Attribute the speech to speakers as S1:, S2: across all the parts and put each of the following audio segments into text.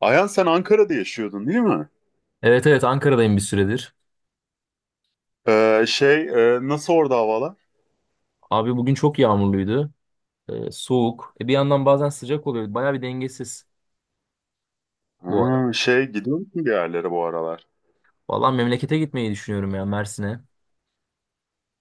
S1: Ayhan sen Ankara'da yaşıyordun değil mi?
S2: Evet, evet, Ankara'dayım bir süredir.
S1: Şey, nasıl orada havalar?
S2: Abi bugün çok yağmurluydu. Soğuk. Bir yandan bazen sıcak oluyor. Baya bir dengesiz bu ara.
S1: Ha, şey gidiyor musun bir yerlere bu aralar?
S2: Valla memlekete gitmeyi düşünüyorum ya Mersin'e.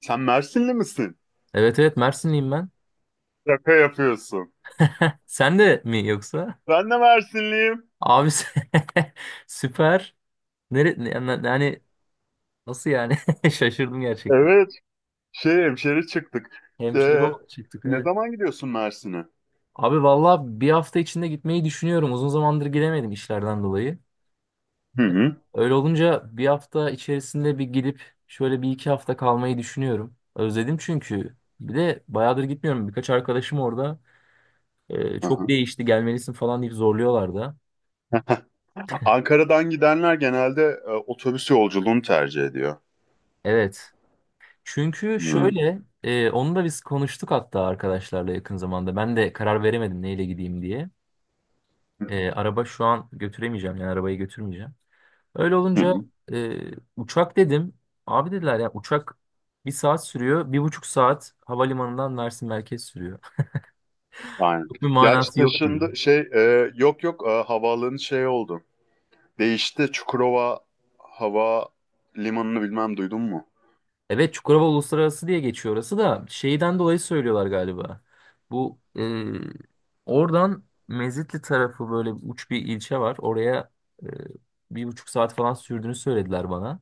S1: Sen Mersinli misin?
S2: Evet, evet, Mersinliyim ben.
S1: Şaka yapıyorsun.
S2: Sen de mi yoksa?
S1: Ben de Mersinliyim.
S2: Abi süper. Nere ne- yani, yani nasıl yani? Şaşırdım gerçekten.
S1: Evet. Şey hemşeri çıktık.
S2: Hemşire
S1: Ee,
S2: olarak çıktık
S1: Ne
S2: evet.
S1: zaman gidiyorsun Mersin'e?
S2: Abi valla bir hafta içinde gitmeyi düşünüyorum. Uzun zamandır gidemedim işlerden dolayı.
S1: Hı
S2: Ee,
S1: hı.
S2: Öyle olunca bir hafta içerisinde bir gidip şöyle bir iki hafta kalmayı düşünüyorum. Özledim çünkü. Bir de bayağıdır gitmiyorum. Birkaç arkadaşım orada
S1: Hı
S2: çok
S1: hı.
S2: değişti gelmelisin falan deyip zorluyorlar da.
S1: Ankara'dan gidenler genelde otobüs yolculuğunu tercih ediyor.
S2: Evet. Çünkü
S1: Hı hı.
S2: şöyle onu da biz konuştuk hatta arkadaşlarla yakın zamanda. Ben de karar veremedim neyle gideyim diye. Araba şu an götüremeyeceğim yani arabayı götürmeyeceğim. Öyle olunca
S1: Hı.
S2: e, uçak dedim. Abi dediler ya uçak bir saat sürüyor. 1,5 saat havalimanından Mersin merkez sürüyor.
S1: Aynen.
S2: Çok bir
S1: Gerçi
S2: manası yok gibi.
S1: taşındı şey, yok yok, havaalanı şey oldu. Değişti. Çukurova hava limanını bilmem duydun mu?
S2: Evet, Çukurova Uluslararası diye geçiyor orası da şeyden dolayı söylüyorlar galiba. Bu oradan Mezitli tarafı böyle uç bir ilçe var. Oraya e, 1,5 saat falan sürdüğünü söylediler bana.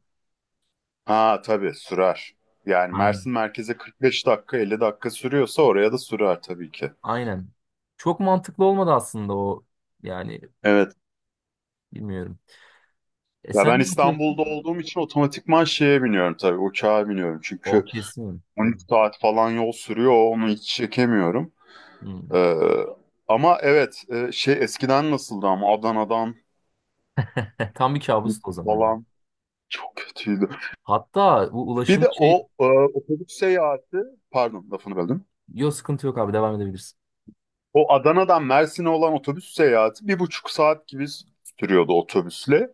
S1: Ha, tabii sürer. Yani
S2: Aynen.
S1: Mersin merkeze 45 dakika 50 dakika sürüyorsa oraya da sürer tabii ki.
S2: Aynen. Çok mantıklı olmadı aslında o yani
S1: Evet.
S2: bilmiyorum. E
S1: Ya
S2: sen
S1: ben
S2: ne yapıyorsun?
S1: İstanbul'da olduğum için otomatikman şeye biniyorum, tabii uçağa biniyorum.
S2: O
S1: Çünkü
S2: kesin. Tabii.
S1: 13 saat falan yol sürüyor, onu hiç çekemiyorum.
S2: Hmm.
S1: Ee, Ama evet, şey eskiden nasıldı, ama Adana'dan
S2: Tam bir kabustu o zaman, yani.
S1: falan çok kötüydü.
S2: Hatta bu
S1: Bir
S2: ulaşım
S1: de
S2: şey...
S1: o otobüs seyahati, pardon lafını böldüm.
S2: Yok, sıkıntı yok abi, devam edebilirsin.
S1: O Adana'dan Mersin'e olan otobüs seyahati bir buçuk saat gibi sürüyordu otobüsle.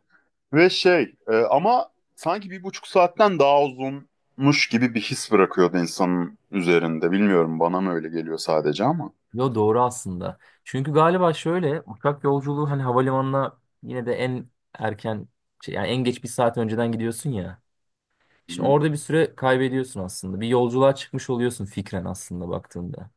S1: Ve şey, ama sanki bir buçuk saatten daha uzunmuş gibi bir his bırakıyordu insanın üzerinde. Bilmiyorum, bana mı öyle geliyor sadece ama.
S2: Yo, doğru aslında. Çünkü galiba şöyle uçak yolculuğu hani havalimanına yine de en erken şey, yani en geç bir saat önceden gidiyorsun ya. Şimdi
S1: Hı,
S2: orada bir süre kaybediyorsun aslında. Bir yolculuğa çıkmış oluyorsun fikren aslında baktığında.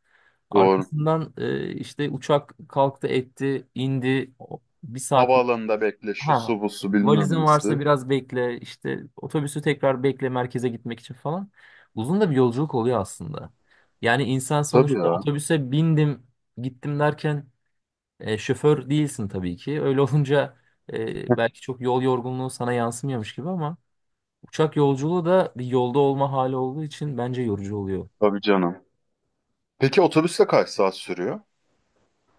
S1: doğru.
S2: Arkasından işte uçak kalktı etti indi bir saat.
S1: Havaalanında bekle, şu
S2: Ha,
S1: su bu su bilmem
S2: valizin
S1: nesi.
S2: varsa biraz bekle, işte otobüsü tekrar bekle merkeze gitmek için falan. Uzun da bir yolculuk oluyor aslında. Yani insan
S1: Tabii
S2: sonuçta
S1: ya.
S2: otobüse bindim, gittim derken şoför değilsin tabii ki. Öyle olunca belki çok yol yorgunluğu sana yansımıyormuş gibi ama uçak yolculuğu da bir yolda olma hali olduğu için bence yorucu oluyor.
S1: Tabii canım. Peki otobüsle kaç saat sürüyor?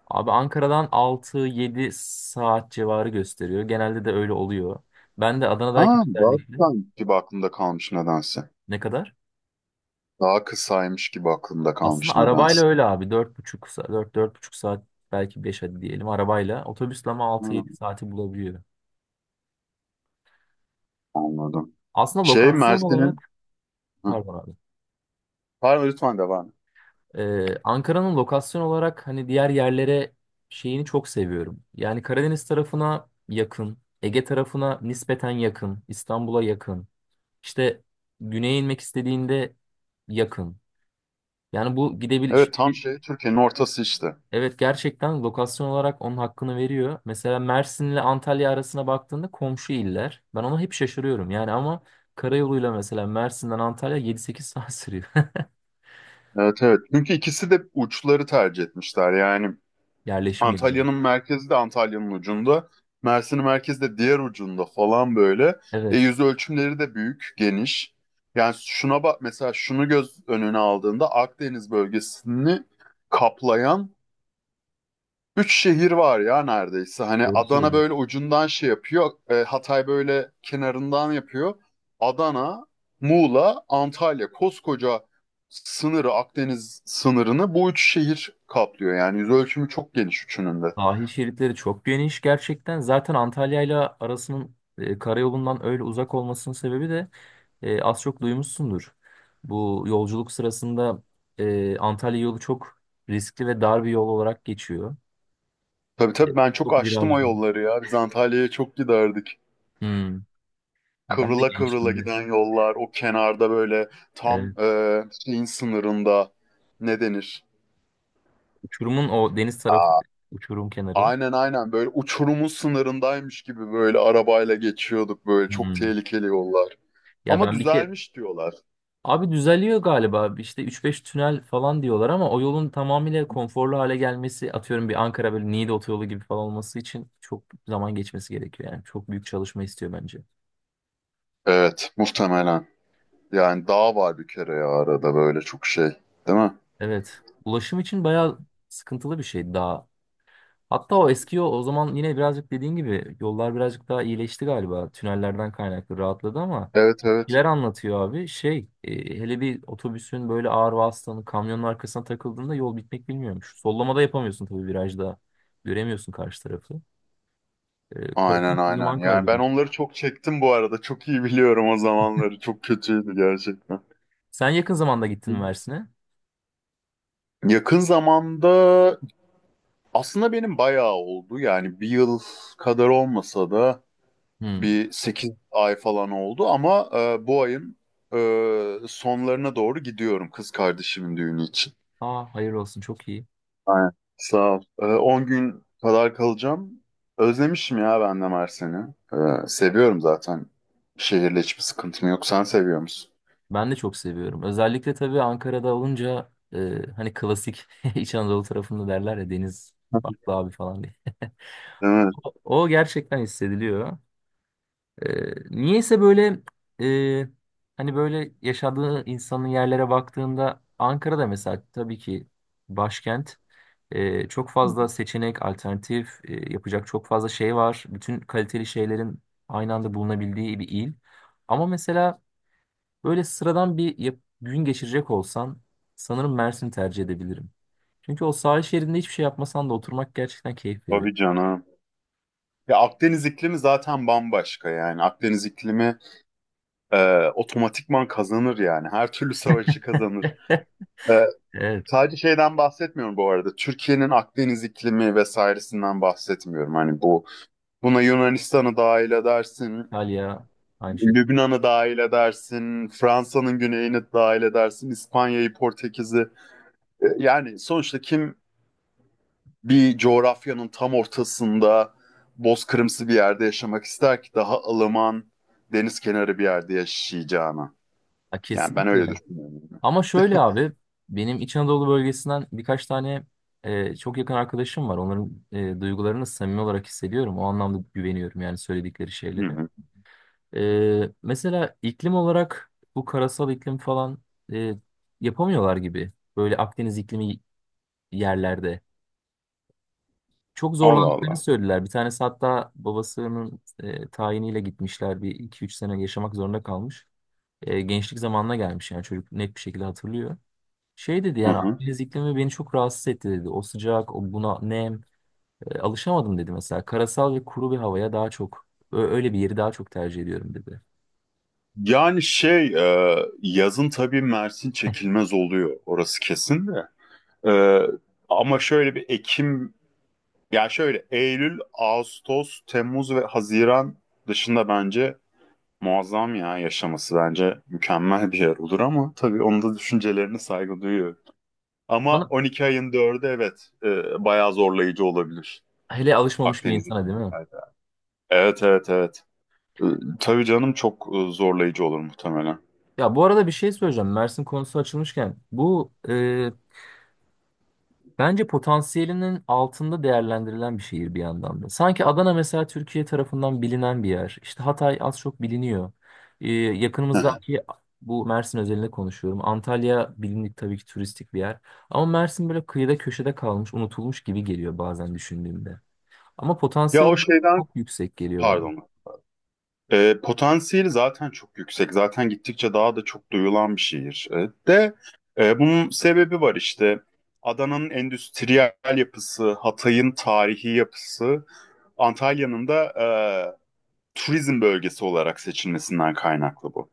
S2: Abi Ankara'dan 6-7 saat civarı gösteriyor. Genelde de öyle oluyor. Ben de Adana'dayken
S1: Ha, daha
S2: özellikle
S1: kısaymış gibi aklımda kalmış nedense.
S2: ne kadar?
S1: Daha kısaymış gibi aklımda
S2: Aslında
S1: kalmış
S2: arabayla
S1: nedense.
S2: öyle abi. 4,5 saat, dört buçuk saat belki 5 hadi diyelim arabayla. Otobüsle ama altı
S1: Hı.
S2: yedi saati bulabiliyor.
S1: Anladım.
S2: Aslında
S1: Şey
S2: lokasyon
S1: Mersin'in.
S2: olarak
S1: Hı.
S2: pardon abi.
S1: Pardon, lütfen devam et.
S2: Ankara'nın lokasyon olarak hani diğer yerlere şeyini çok seviyorum. Yani Karadeniz tarafına yakın, Ege tarafına nispeten yakın, İstanbul'a yakın. İşte güneye inmek istediğinde yakın. Yani bu gidebilir.
S1: Evet, tam şey Türkiye'nin ortası işte.
S2: Evet, gerçekten lokasyon olarak onun hakkını veriyor. Mesela Mersin'le Antalya arasına baktığında komşu iller. Ben ona hep şaşırıyorum. Yani ama karayoluyla mesela Mersin'den Antalya 7-8 saat sürüyor.
S1: Evet, evet. Çünkü ikisi de uçları tercih etmişler. Yani
S2: Yerleşim yeri.
S1: Antalya'nın merkezi de Antalya'nın ucunda. Mersin'in merkezi de diğer ucunda falan böyle.
S2: Evet.
S1: Yüz ölçümleri de büyük, geniş. Yani şuna bak mesela, şunu göz önüne aldığında Akdeniz bölgesini kaplayan üç şehir var ya neredeyse. Hani
S2: Doğru
S1: Adana böyle
S2: söylüyorsun.
S1: ucundan şey yapıyor. Hatay böyle kenarından yapıyor. Adana, Muğla, Antalya. Koskoca sınırı, Akdeniz sınırını bu üç şehir kaplıyor. Yani yüz ölçümü çok geniş üçünün de.
S2: Sahil şeritleri çok geniş gerçekten. Zaten Antalya'yla arasının karayolundan öyle uzak olmasının sebebi de az çok duymuşsundur. Bu yolculuk sırasında Antalya yolu çok riskli ve dar bir yol olarak geçiyor. E,
S1: Tabii, tabii, ben çok
S2: Çok
S1: açtım o
S2: virajlı.
S1: yolları ya. Biz Antalya'ya çok giderdik.
S2: Hmm. Ben de
S1: Kıvrıla kıvrıla
S2: gençliğimde.
S1: giden yollar. O kenarda böyle tam,
S2: Evet.
S1: şeyin sınırında, ne denir?
S2: Uçurumun o deniz tarafı, uçurum kenarı.
S1: Aynen, aynen, böyle uçurumun sınırındaymış gibi böyle arabayla geçiyorduk, böyle çok
S2: Hmm.
S1: tehlikeli yollar.
S2: Ya
S1: Ama
S2: ben bir kere...
S1: düzelmiş diyorlar.
S2: Abi düzeliyor galiba. İşte üç beş tünel falan diyorlar ama o yolun tamamıyla konforlu hale gelmesi, atıyorum bir Ankara böyle Niğde otoyolu gibi falan olması için çok zaman geçmesi gerekiyor. Yani çok büyük çalışma istiyor bence.
S1: Evet, muhtemelen. Yani dağ var bir kere ya, arada böyle çok şey, değil mi?
S2: Evet. Ulaşım için bayağı sıkıntılı bir şey daha. Hatta o eski yol o zaman yine birazcık dediğin gibi yollar birazcık daha iyileşti galiba. Tünellerden kaynaklı rahatladı ama
S1: Evet, evet.
S2: neler anlatıyor abi? Şey, hele bir otobüsün böyle ağır vasıtanın kamyonun arkasına takıldığında yol bitmek bilmiyormuş. Sollamada yapamıyorsun tabii virajda. Göremiyorsun karşı tarafı. E,
S1: Aynen,
S2: korkunç bir
S1: aynen.
S2: zaman
S1: Yani ben
S2: kaybıymış.
S1: onları çok çektim bu arada. Çok iyi biliyorum o zamanları. Çok kötüydü gerçekten.
S2: Sen yakın zamanda gittin mi Mersin'e?
S1: Yakın zamanda aslında benim bayağı oldu. Yani bir yıl kadar olmasa da
S2: Hmm.
S1: bir 8 ay falan oldu, ama bu ayın sonlarına doğru gidiyorum kız kardeşimin düğünü için.
S2: Aa, hayır olsun çok iyi.
S1: Aynen. Sağ ol. 10 gün kadar kalacağım. Özlemişim ya ben de Mersin'i. Seviyorum zaten. Şehirle hiçbir sıkıntım yok. Sen seviyor musun?
S2: Ben de çok seviyorum. Özellikle tabii Ankara'da olunca hani klasik İç Anadolu tarafında derler ya deniz farklı abi falan diye.
S1: Değil mi?
S2: O, o gerçekten hissediliyor. Niyeyse böyle e, hani böyle yaşadığı insanın yerlere baktığında Ankara'da mesela tabii ki başkent. Çok fazla seçenek, alternatif yapacak çok fazla şey var. Bütün kaliteli şeylerin aynı anda bulunabildiği bir il. Ama mesela böyle sıradan bir gün geçirecek olsan sanırım Mersin'i tercih edebilirim. Çünkü o sahil şeridinde hiçbir şey yapmasan da oturmak gerçekten keyif veriyor.
S1: Tabii canım. Ya Akdeniz iklimi zaten bambaşka yani. Akdeniz iklimi e, otomatikman kazanır yani. Her türlü savaşı kazanır. E,
S2: Evet,
S1: Sadece şeyden bahsetmiyorum bu arada. Türkiye'nin Akdeniz iklimi vesairesinden bahsetmiyorum. Hani bu, buna Yunanistan'ı dahil edersin,
S2: Antalya aynı şekilde.
S1: Lübnan'ı dahil edersin, Fransa'nın güneyini dahil edersin, İspanya'yı, Portekiz'i. Yani sonuçta kim bir coğrafyanın tam ortasında bozkırımsı bir yerde yaşamak ister ki daha ılıman deniz kenarı bir yerde yaşayacağına.
S2: Ha,
S1: Yani ben
S2: kesinlikle.
S1: öyle düşünüyorum.
S2: Ama şöyle abi benim İç Anadolu bölgesinden birkaç tane çok yakın arkadaşım var. Onların duygularını samimi olarak hissediyorum. O anlamda güveniyorum yani söyledikleri
S1: Hı
S2: şeylere.
S1: hı.
S2: Mesela iklim olarak bu karasal iklim falan e, yapamıyorlar gibi. Böyle Akdeniz iklimi yerlerde. Çok
S1: Allah
S2: zorlandıklarını
S1: Allah.
S2: söylediler. Bir tanesi hatta babasının tayiniyle gitmişler. Bir iki üç sene yaşamak zorunda kalmış. Gençlik zamanına gelmiş yani çocuk net bir şekilde hatırlıyor. Şey dedi
S1: Hı
S2: yani
S1: hı.
S2: Akdeniz iklimi beni çok rahatsız etti dedi. O sıcak, o buna nem, alışamadım dedi mesela. Karasal ve kuru bir havaya daha çok, öyle bir yeri daha çok tercih ediyorum dedi.
S1: Yani şey, yazın tabii Mersin çekilmez oluyor, orası kesin de. E, Ama şöyle bir Ekim, yani şöyle Eylül, Ağustos, Temmuz ve Haziran dışında bence muazzam ya, yaşaması bence mükemmel bir yer olur, ama tabii onun da düşüncelerine saygı duyuyorum. Ama
S2: Bana
S1: 12 ayın 4'ü, evet, bayağı zorlayıcı olabilir
S2: hele alışmamış bir
S1: Akdeniz'in
S2: insana değil
S1: bu
S2: mi?
S1: sayede. Evet, evet, evet. E, tabii canım, çok, zorlayıcı olur muhtemelen.
S2: Ya bu arada bir şey söyleyeceğim. Mersin konusu açılmışken bu. Bence potansiyelinin altında değerlendirilen bir şehir bir yandan da. Sanki Adana mesela Türkiye tarafından bilinen bir yer. İşte Hatay az çok biliniyor. Ee, yakınımızdaki bu Mersin özelinde konuşuyorum. Antalya bilindik tabii ki turistik bir yer. Ama Mersin böyle kıyıda köşede kalmış, unutulmuş gibi geliyor bazen düşündüğümde. Ama
S1: Ya
S2: potansiyel
S1: o
S2: olarak
S1: şeyden.
S2: çok yüksek geliyor bana.
S1: Pardon. Potansiyeli zaten çok yüksek. Zaten gittikçe daha da çok duyulan bir şehir. De, bunun sebebi var işte. Adana'nın endüstriyel yapısı, Hatay'ın tarihi yapısı, Antalya'nın da turizm bölgesi olarak seçilmesinden kaynaklı bu.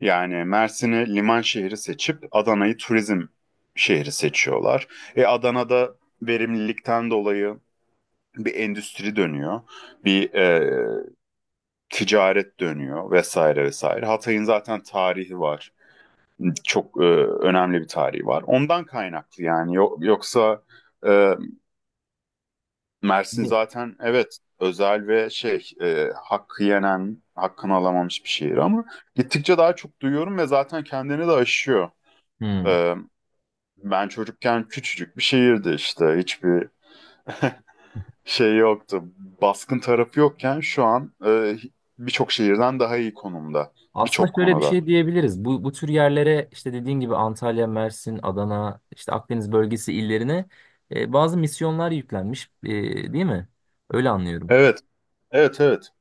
S1: Yani Mersin'i liman şehri seçip Adana'yı turizm şehri seçiyorlar. Adana'da verimlilikten dolayı bir endüstri dönüyor. Bir ticaret dönüyor vesaire vesaire. Hatay'ın zaten tarihi var. Çok önemli bir tarihi var. Ondan kaynaklı yani, yoksa, e, Mersin
S2: Ne?
S1: zaten evet özel ve şey, hakkı yenen, hakkını alamamış bir şehir, ama gittikçe daha çok duyuyorum ve zaten kendini de aşıyor.
S2: Hmm.
S1: E, Ben çocukken küçücük bir şehirdi işte, hiçbir şey yoktu. Baskın tarafı yokken şu an birçok şehirden daha iyi konumda
S2: Aslında
S1: birçok
S2: şöyle bir
S1: konuda.
S2: şey diyebiliriz. Bu tür yerlere işte dediğin gibi Antalya, Mersin, Adana, işte Akdeniz bölgesi illerine bazı misyonlar yüklenmiş, değil mi? Öyle anlıyorum.
S1: Evet, evet, evet.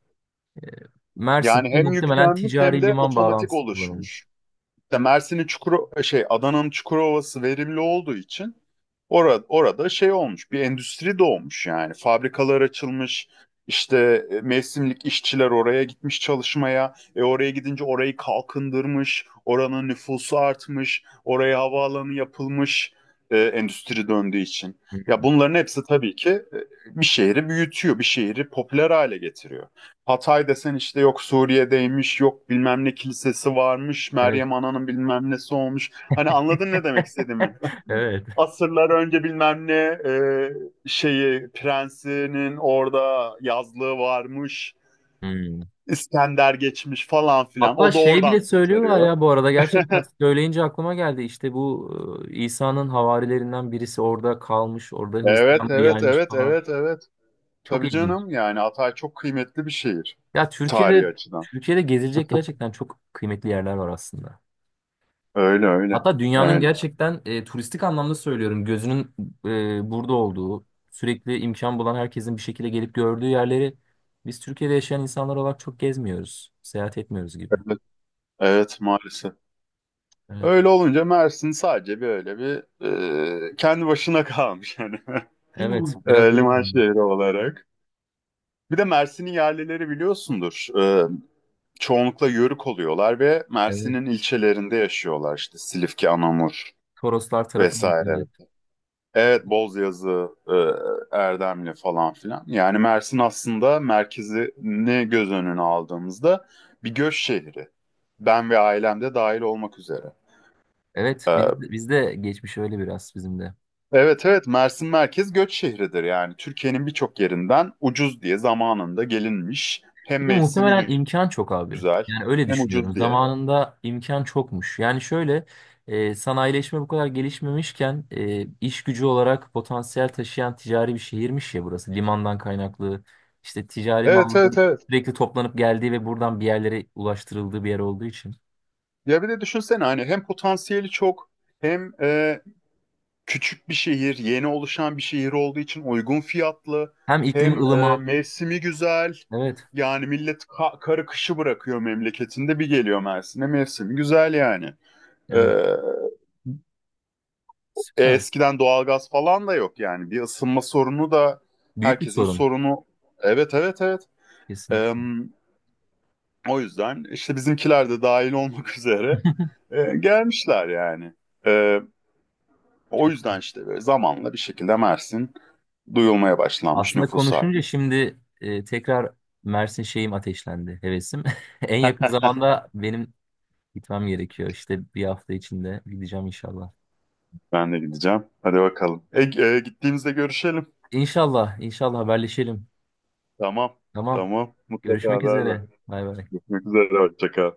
S1: Yani
S2: Mersin'de
S1: hem
S2: muhtemelen
S1: yüklenmiş hem
S2: ticari
S1: de
S2: liman
S1: otomatik
S2: bağlantısı kullanılmış.
S1: oluşmuş. İşte Mersin'in, Çukuro şey Adana'nın Çukurova'sı verimli olduğu için orada şey olmuş. Bir endüstri doğmuş yani. Fabrikalar açılmış. İşte mevsimlik işçiler oraya gitmiş çalışmaya. Oraya gidince orayı kalkındırmış. Oranın nüfusu artmış. Oraya havaalanı yapılmış. Endüstri döndüğü için. Ya
S2: Hmm,
S1: bunların hepsi tabii ki bir şehri büyütüyor, bir şehri popüler hale getiriyor. Hatay desen işte yok Suriye'deymiş, yok bilmem ne kilisesi varmış,
S2: evet.
S1: Meryem Ana'nın bilmem nesi olmuş. Hani anladın ne demek istediğimi?
S2: Evet.
S1: Asırlar önce bilmem ne, e, şeyi prensinin orada yazlığı varmış,
S2: Hmm.
S1: İskender geçmiş falan filan.
S2: Hatta
S1: O da
S2: şey
S1: oradan
S2: bile söylüyorlar
S1: kurtarıyor.
S2: ya bu arada gerçekten söyleyince aklıma geldi. İşte bu İsa'nın havarilerinden birisi orada kalmış, orada
S1: Evet,
S2: Hristiyanlığı
S1: evet,
S2: yaymış
S1: evet,
S2: falan.
S1: evet, evet.
S2: Çok
S1: Tabii
S2: ilginç.
S1: canım, yani Hatay çok kıymetli bir şehir
S2: Ya
S1: tarihi
S2: Türkiye'de
S1: açıdan.
S2: Türkiye'de gezilecek gerçekten çok kıymetli yerler var aslında.
S1: Öyle öyle.
S2: Hatta dünyanın
S1: Öyle.
S2: gerçekten turistik anlamda söylüyorum gözünün burada olduğu, sürekli imkan bulan herkesin bir şekilde gelip gördüğü yerleri biz Türkiye'de yaşayan insanlar olarak çok gezmiyoruz, seyahat etmiyoruz gibi.
S1: Evet, evet maalesef.
S2: Evet.
S1: Öyle olunca Mersin sadece böyle bir, kendi başına kalmış yani,
S2: Evet, biraz öyle
S1: liman
S2: oldu.
S1: şehri olarak. Bir de Mersin'in yerlileri biliyorsundur. Çoğunlukla Yörük oluyorlar ve
S2: Evet.
S1: Mersin'in ilçelerinde yaşıyorlar, işte Silifke, Anamur
S2: Toroslar tarafı.
S1: vesaire.
S2: Evet.
S1: Evet, Bozyazı, Erdemli falan filan. Yani Mersin aslında merkezini göz önüne aldığımızda bir göç şehri. Ben ve ailem de dahil olmak üzere.
S2: Evet, biz de geçmiş öyle biraz bizim de.
S1: Evet, evet, Mersin merkez göç şehridir, yani Türkiye'nin birçok yerinden ucuz diye zamanında gelinmiş, hem
S2: Bir de
S1: mevsimi
S2: muhtemelen imkan çok abi.
S1: güzel
S2: Yani öyle
S1: hem
S2: düşünüyorum.
S1: ucuz diye.
S2: Zamanında imkan çokmuş. Yani şöyle sanayileşme bu kadar gelişmemişken iş gücü olarak potansiyel taşıyan ticari bir şehirmiş ya burası. Limandan kaynaklı işte ticari
S1: Evet, evet,
S2: malların
S1: evet,
S2: sürekli toplanıp geldiği ve buradan bir yerlere ulaştırıldığı bir yer olduğu için.
S1: ya bir de düşünsene hani hem potansiyeli çok, hem küçük bir şehir yeni oluşan bir şehir olduğu için uygun fiyatlı,
S2: Hem iklimi
S1: hem
S2: ılıman.
S1: mevsimi güzel
S2: Evet.
S1: yani millet karı kışı bırakıyor memleketinde, bir geliyor Mersin'e, mevsimi güzel yani. E,
S2: Evet. Süper.
S1: Eskiden doğalgaz falan da yok yani. Bir ısınma sorunu da
S2: Büyük bir
S1: herkesin
S2: sorun.
S1: sorunu. Evet, evet, evet.
S2: Kesinlikle.
S1: Em, O yüzden işte bizimkiler de dahil olmak üzere gelmişler yani. E, O yüzden işte böyle zamanla bir şekilde Mersin duyulmaya başlanmış,
S2: Aslında
S1: nüfus
S2: konuşunca
S1: artmış.
S2: şimdi tekrar Mersin şeyim ateşlendi, hevesim. En yakın zamanda benim gitmem gerekiyor. İşte bir hafta içinde gideceğim inşallah.
S1: Ben de gideceğim. Hadi bakalım. Gittiğimizde görüşelim.
S2: İnşallah, inşallah haberleşelim.
S1: Tamam.
S2: Tamam,
S1: Tamam. Mutlaka
S2: görüşmek
S1: haber ver.
S2: üzere. Bay bay.
S1: Görüşmek üzere. Hoşça kal.